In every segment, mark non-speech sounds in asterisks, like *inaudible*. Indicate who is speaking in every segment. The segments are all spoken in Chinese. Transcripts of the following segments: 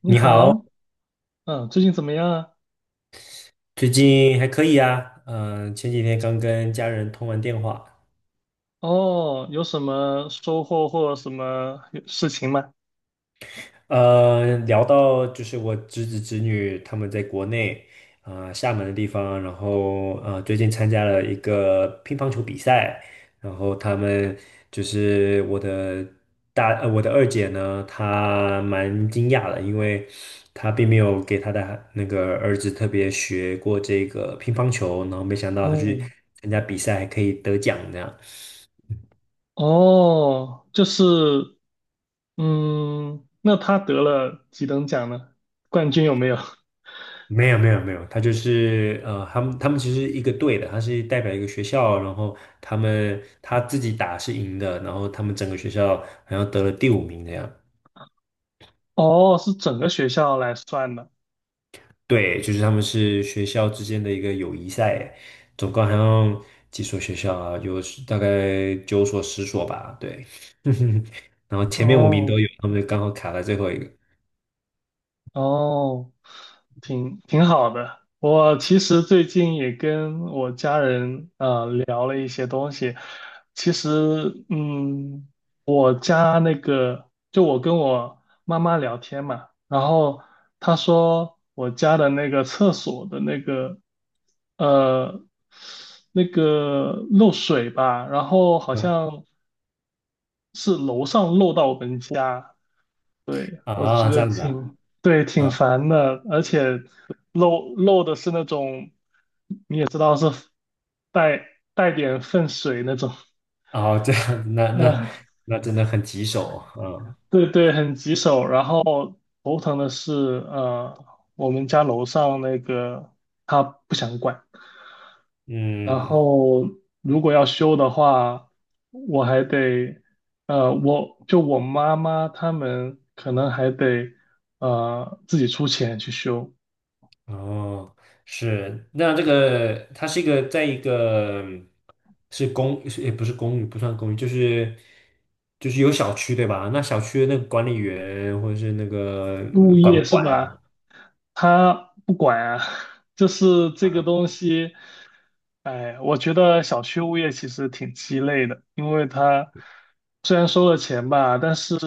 Speaker 1: 你
Speaker 2: 你好，
Speaker 1: 好，最近怎么样啊？
Speaker 2: 最近还可以啊。嗯、前几天刚跟家人通完电话。
Speaker 1: 哦，有什么收获或什么事情吗？
Speaker 2: 聊到就是我侄子侄女他们在国内，厦门的地方。然后最近参加了一个乒乓球比赛。然后他们就是我的大，呃，我的二姐呢，她蛮惊讶的，因为她并没有给她的那个儿子特别学过这个乒乓球，然后没想到她去
Speaker 1: 哦，
Speaker 2: 参加比赛还可以得奖这样。
Speaker 1: 哦，就是，那他得了几等奖呢？冠军有没有？*laughs*
Speaker 2: 没有没有没有，他就是他们其实一个队的。他是代表一个学校，然后他自己打是赢的，然后他们整个学校好像得了第五名那样。
Speaker 1: 哦，是整个学校来算的。
Speaker 2: 对，就是他们是学校之间的一个友谊赛，总共好像几所学校啊，大概9所10所吧，对。*laughs* 然后前面五名
Speaker 1: 哦，
Speaker 2: 都有，他们刚好卡在最后一个。
Speaker 1: 哦，挺好的。我其实最近也跟我家人聊了一些东西。其实，我家那个，就我跟我妈妈聊天嘛，然后她说我家的那个厕所的呃那个漏水吧，然后好
Speaker 2: 嗯
Speaker 1: 像是楼上漏到我们家，我觉
Speaker 2: 啊，这
Speaker 1: 得
Speaker 2: 样子啊。
Speaker 1: 挺，对，挺
Speaker 2: 啊，
Speaker 1: 烦的，而且漏的是那种，你也知道是带带点粪水那种，
Speaker 2: 哦，这样，那那
Speaker 1: 呃，
Speaker 2: 那真的很棘手。嗯
Speaker 1: 对对，很棘手。然后头疼的是，呃，我们家楼上那个他不想管，然
Speaker 2: 嗯。
Speaker 1: 后如果要修的话，我还得，我就我妈妈他们可能还得，自己出钱去修。
Speaker 2: 哦，是，那这个它是一个在一个是也不是公寓，不算公寓，就是有小区对吧？那小区的那个管理员或者是那个
Speaker 1: 物
Speaker 2: 管，
Speaker 1: 业是吧？他不管啊，就是这个东西，哎，我觉得小区物业其实挺鸡肋的，因为他虽然收了钱吧，但是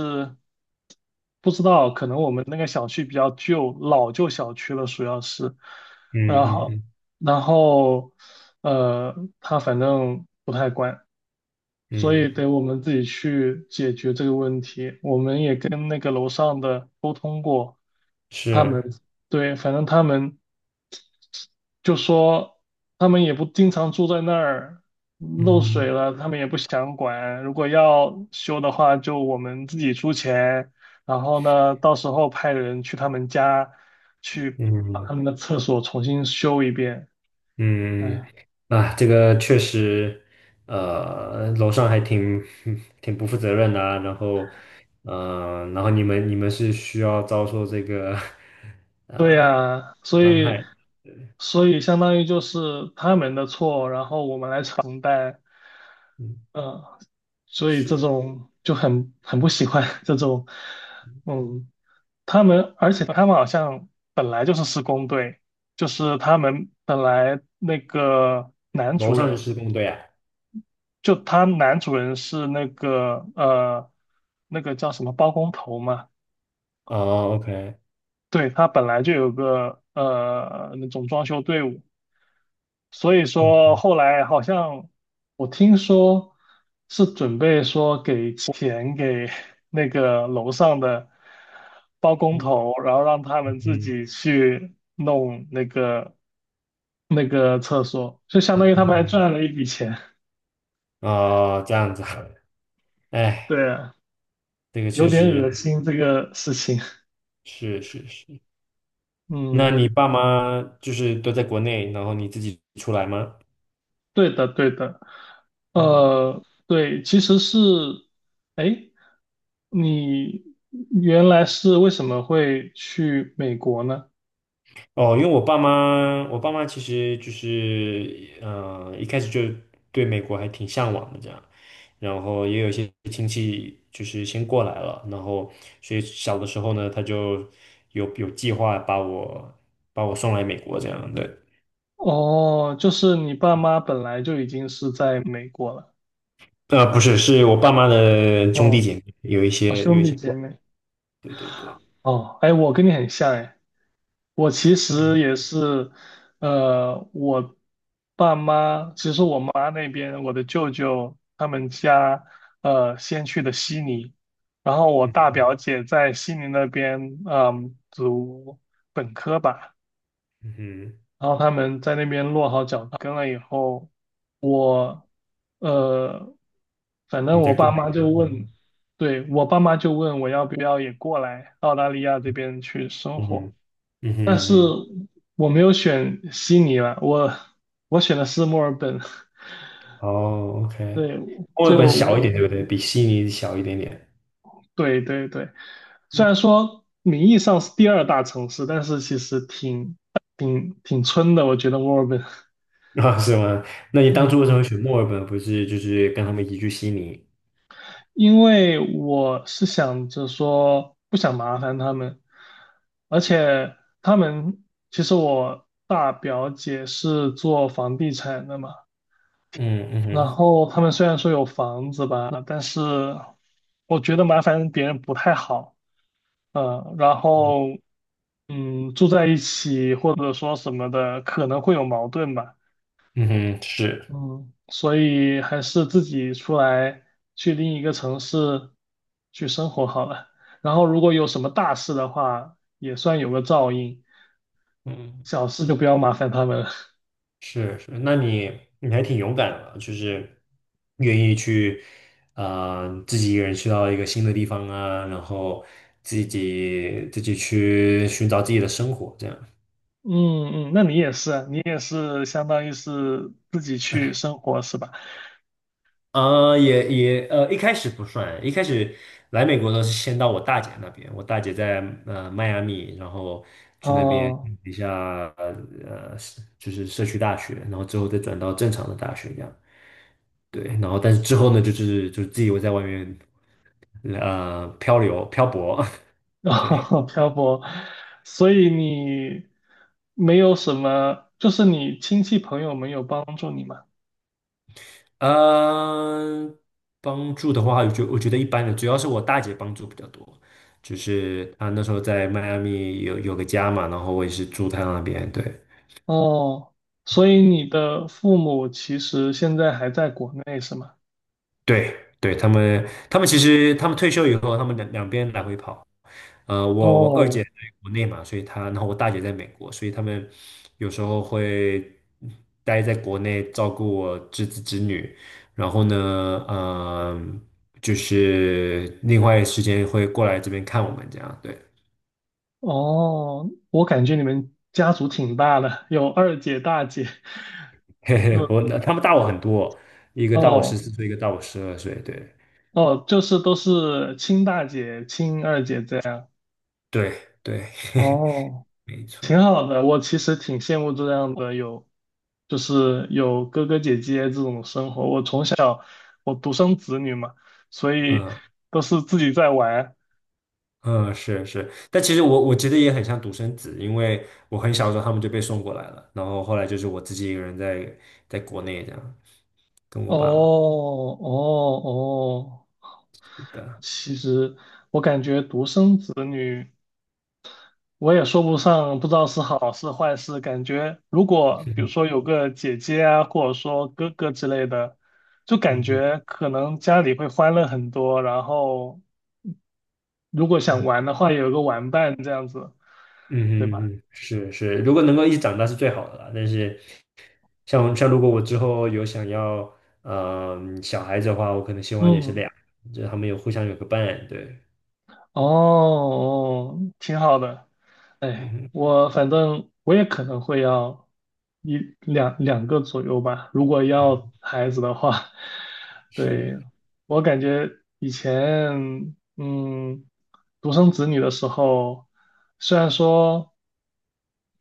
Speaker 1: 不知道，可能我们那个小区比较旧，老旧小区了，主要是，然
Speaker 2: 嗯
Speaker 1: 后
Speaker 2: 嗯
Speaker 1: 然后呃，他反正不太管，所
Speaker 2: 嗯
Speaker 1: 以得
Speaker 2: 嗯，
Speaker 1: 我们自己去解决这个问题，我们也跟那个楼上的，沟通过。他们
Speaker 2: 是，
Speaker 1: 对，反正他们就说他们也不经常住在那儿，漏水
Speaker 2: 嗯
Speaker 1: 了他们也不想管。如果要修的话，就我们自己出钱，然后呢，到时候派人去他们家去把
Speaker 2: 嗯
Speaker 1: 他们的厕所重新修一遍。
Speaker 2: 嗯。
Speaker 1: 哎，
Speaker 2: 啊，这个确实，楼上还挺 *laughs* 挺不负责任的啊，然后。然后你们是需要遭受这个 *laughs*
Speaker 1: 对
Speaker 2: 呃
Speaker 1: 呀，所
Speaker 2: 伤
Speaker 1: 以
Speaker 2: 害。
Speaker 1: 所以相当于就是他们的错，然后我们来承担。
Speaker 2: 嗯，
Speaker 1: 呃，所以这
Speaker 2: 是。
Speaker 1: 种就很不喜欢 *laughs* 这种，嗯，他们，而且他们好像本来就是施工队，就是他们本来那个男
Speaker 2: 楼
Speaker 1: 主
Speaker 2: 上是
Speaker 1: 人，
Speaker 2: 施工队啊。
Speaker 1: 就他男主人是那个叫什么包工头嘛，
Speaker 2: 哦，OK，
Speaker 1: 对，他本来就有个那种装修队伍，所以
Speaker 2: 嗯
Speaker 1: 说后来好像我听说是准备说给钱给 *laughs* 那个楼上的包工
Speaker 2: 嗯
Speaker 1: 头，然后让他
Speaker 2: 嗯
Speaker 1: 们自
Speaker 2: 嗯，
Speaker 1: 己去弄那个厕所，就相当于他们还
Speaker 2: 嗯
Speaker 1: 赚了一笔钱。
Speaker 2: 哦，这样子啊。
Speaker 1: *laughs*
Speaker 2: 哎，
Speaker 1: 对啊，
Speaker 2: 这个确
Speaker 1: 有点
Speaker 2: 实，
Speaker 1: 恶心这个事情。
Speaker 2: 是是是。
Speaker 1: 嗯，
Speaker 2: 那你爸妈就是都在国内，然后你自己出来吗？
Speaker 1: 对的，对的。
Speaker 2: 嗯
Speaker 1: 对，其实是，哎，你原来是为什么会去美国呢？
Speaker 2: 哦，因为我爸妈其实就是，一开始就对美国还挺向往的这样，然后也有一些亲戚就是先过来了，然后所以小的时候呢，他就有计划把我送来美国这样的。
Speaker 1: 哦，就是你爸妈本来就已经是在美国了。
Speaker 2: 不是，是我爸妈的兄弟
Speaker 1: 哦，
Speaker 2: 姐妹，有一
Speaker 1: 啊，
Speaker 2: 些有
Speaker 1: 兄
Speaker 2: 一
Speaker 1: 弟
Speaker 2: 些
Speaker 1: 姐
Speaker 2: 过来。
Speaker 1: 妹。
Speaker 2: 对对对，
Speaker 1: 哦，哎，我跟你很像哎。我其实也是，我爸妈，其实我妈那边，我的舅舅他们家，先去的悉尼，然后我大表姐在悉尼那边，读本科吧，
Speaker 2: 嗯哼，
Speaker 1: 然后他们在那边落好脚跟了以后，呃，反正
Speaker 2: 你再
Speaker 1: 我
Speaker 2: 过
Speaker 1: 爸
Speaker 2: 来
Speaker 1: 妈
Speaker 2: 一下，
Speaker 1: 就问，
Speaker 2: 嗯
Speaker 1: 对，我爸妈就问我要不要也过来澳大利亚这边去生
Speaker 2: 嗯
Speaker 1: 活。
Speaker 2: 嗯嗯哼嗯哼
Speaker 1: 我没有选悉尼了，我选的是墨尔本。*laughs*
Speaker 2: 哦，OK。
Speaker 1: 对，
Speaker 2: 墨
Speaker 1: 就
Speaker 2: 尔本小一
Speaker 1: 我，
Speaker 2: 点对不对？比悉尼小一点点。
Speaker 1: 对对对，虽然说名义上是第二大城市，但是其实挺村的，我觉得墨尔本。
Speaker 2: *laughs* 啊，是吗？那你当初为什么会
Speaker 1: 嗯，
Speaker 2: 选墨尔本？不是就是跟他们一起去悉尼？
Speaker 1: 因为我是想着说不想麻烦他们，而且他们其实我大表姐是做房地产的嘛，
Speaker 2: 嗯嗯
Speaker 1: 然
Speaker 2: 哼，
Speaker 1: 后他们虽然说有房子吧，但是我觉得麻烦别人不太好，然后住在一起或者说什么的可能会有矛盾吧，
Speaker 2: 嗯哼，是，
Speaker 1: 嗯，所以还是自己出来去另一个城市去生活好了。然后如果有什么大事的话，也算有个照应，
Speaker 2: 嗯
Speaker 1: 小事就不要麻烦他们了 *laughs*
Speaker 2: 是是。那你还挺勇敢的，就是愿意去，啊，自己一个人去到一个新的地方啊，然后自己去寻找自己的生活，这样。
Speaker 1: 嗯嗯，那你也是相当于是自己去生活是吧？
Speaker 2: 也也呃，一开始不算，一开始来美国的时候是先到我大姐那边，我大姐在迈阿密，然后去那边
Speaker 1: 哦，
Speaker 2: 念一下就是社区大学，然后之后再转到正常的大学这样。对。然后但是之后呢，就是自己我在外面漂流漂泊。
Speaker 1: *laughs*
Speaker 2: *laughs* 对。
Speaker 1: 哦漂泊，所以你没有什么，就是你亲戚朋友没有帮助你吗？
Speaker 2: 嗯，帮助的话，我觉得一般的，主要是我大姐帮助比较多。就是她那时候在迈阿密有个家嘛，然后我也是住她那边，对。
Speaker 1: 哦，所以你的父母其实现在还在国内是吗？
Speaker 2: 对对，他们其实他们退休以后，他们两边来回跑。我二姐
Speaker 1: 哦
Speaker 2: 在国内嘛，所以她，然后我大姐在美国，所以他们有时候会待在国内照顾我侄子侄女，然后呢，就是另外时间会过来这边看我们这样，对。
Speaker 1: 哦，我感觉你们家族挺大的，有二姐、大姐，
Speaker 2: *laughs* 嘿
Speaker 1: *laughs*
Speaker 2: 嘿，我
Speaker 1: 嗯，
Speaker 2: 他们大我很多，一个大我十
Speaker 1: 哦
Speaker 2: 四岁，一个大我12岁。对
Speaker 1: 哦，就是都是亲大姐、亲二姐这样。
Speaker 2: 对对，
Speaker 1: 哦。
Speaker 2: *laughs* 没
Speaker 1: 挺
Speaker 2: 错。
Speaker 1: 好的，我其实挺羡慕这样的有，就是有哥哥姐姐这种生活。我从小我独生子女嘛，所以
Speaker 2: 嗯、
Speaker 1: 都是自己在玩。
Speaker 2: 嗯，是是。但其实我觉得也很像独生子，因为我很小的时候他们就被送过来了，然后后来就是我自己一个人在国内这样，跟我
Speaker 1: 哦
Speaker 2: 爸妈。
Speaker 1: 哦哦，
Speaker 2: 对啊，
Speaker 1: 其实我感觉独生子女，我也说不上，不知道是好是坏事。感觉如果比如说有个姐姐啊，或者说哥哥之类的，就感
Speaker 2: 嗯哼
Speaker 1: 觉可能家里会欢乐很多，然后。如果想
Speaker 2: 嗯
Speaker 1: 玩的话，有个玩伴这样子，
Speaker 2: 嗯
Speaker 1: 对吧？
Speaker 2: 哼嗯，是是。如果能够一起长大是最好的了。但是像如果我之后有想要小孩子的话，我可能希望也是
Speaker 1: 嗯，
Speaker 2: 俩，就他们有互相有个伴，对，
Speaker 1: 哦，哦挺好的。
Speaker 2: 嗯
Speaker 1: 哎，
Speaker 2: 哼，
Speaker 1: 我反正我也可能会要一两两个左右吧，如果要孩子的话。*laughs* 对，
Speaker 2: 是，
Speaker 1: 我感觉以前，独生子女的时候，虽然说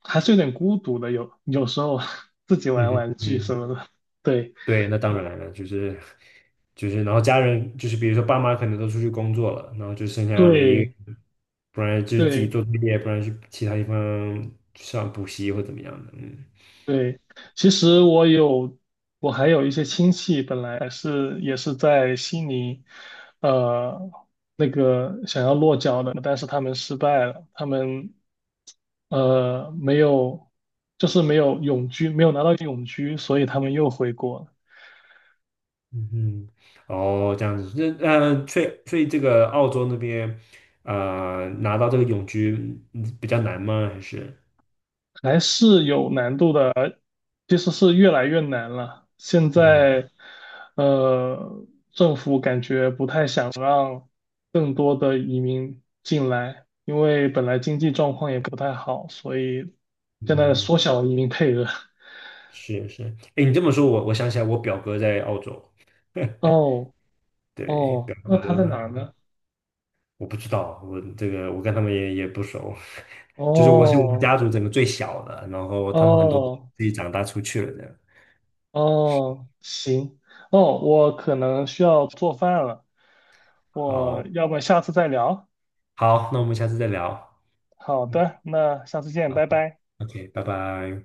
Speaker 1: 还是有点孤独的，有时候 *laughs* 自己
Speaker 2: 嗯
Speaker 1: 玩
Speaker 2: 哼
Speaker 1: 玩具什
Speaker 2: 嗯。
Speaker 1: 么的。对，
Speaker 2: 对，那当然了，就是，然后家人就是，比如说爸妈可能都出去工作了，然后就剩下你一个，
Speaker 1: 对，
Speaker 2: 不然就是自己
Speaker 1: 对。
Speaker 2: 做作业，不然去其他地方上补习或怎么样的。嗯
Speaker 1: 对，其实我有，我还有一些亲戚，本来是也是在悉尼，呃，那个想要落脚的，但是他们失败了，他们没有，就是没有永居，没有拿到永居，所以他们又回国了，
Speaker 2: 嗯哼，哦，这样子。那所以这个澳洲那边，拿到这个永居比较难吗？还是
Speaker 1: 还是有难度的。其实是越来越难了。现
Speaker 2: 嗯
Speaker 1: 在，呃，政府感觉不太想让更多的移民进来，因为本来经济状况也不太好，所以现在
Speaker 2: 嗯，
Speaker 1: 缩小移民配额。*laughs*
Speaker 2: 是是。哎，你这么说，我想起来，我表哥在澳洲。*laughs*
Speaker 1: 哦
Speaker 2: 对，表
Speaker 1: 哦，那他在哪
Speaker 2: 哥。
Speaker 1: 儿呢？
Speaker 2: 我不知道，我这个我跟他们也不熟。*laughs* 就是我是我们
Speaker 1: 哦
Speaker 2: 家族整个最小的，然后他们很多都
Speaker 1: 哦
Speaker 2: 自己长大出去了的。
Speaker 1: 哦，行哦，我可能需要做饭了，我
Speaker 2: 好，
Speaker 1: 要不下次再聊？
Speaker 2: 好，那我们下次再聊。
Speaker 1: 好
Speaker 2: 嗯
Speaker 1: 的，那下次见，
Speaker 2: 好
Speaker 1: 拜拜。
Speaker 2: ，OK，拜拜。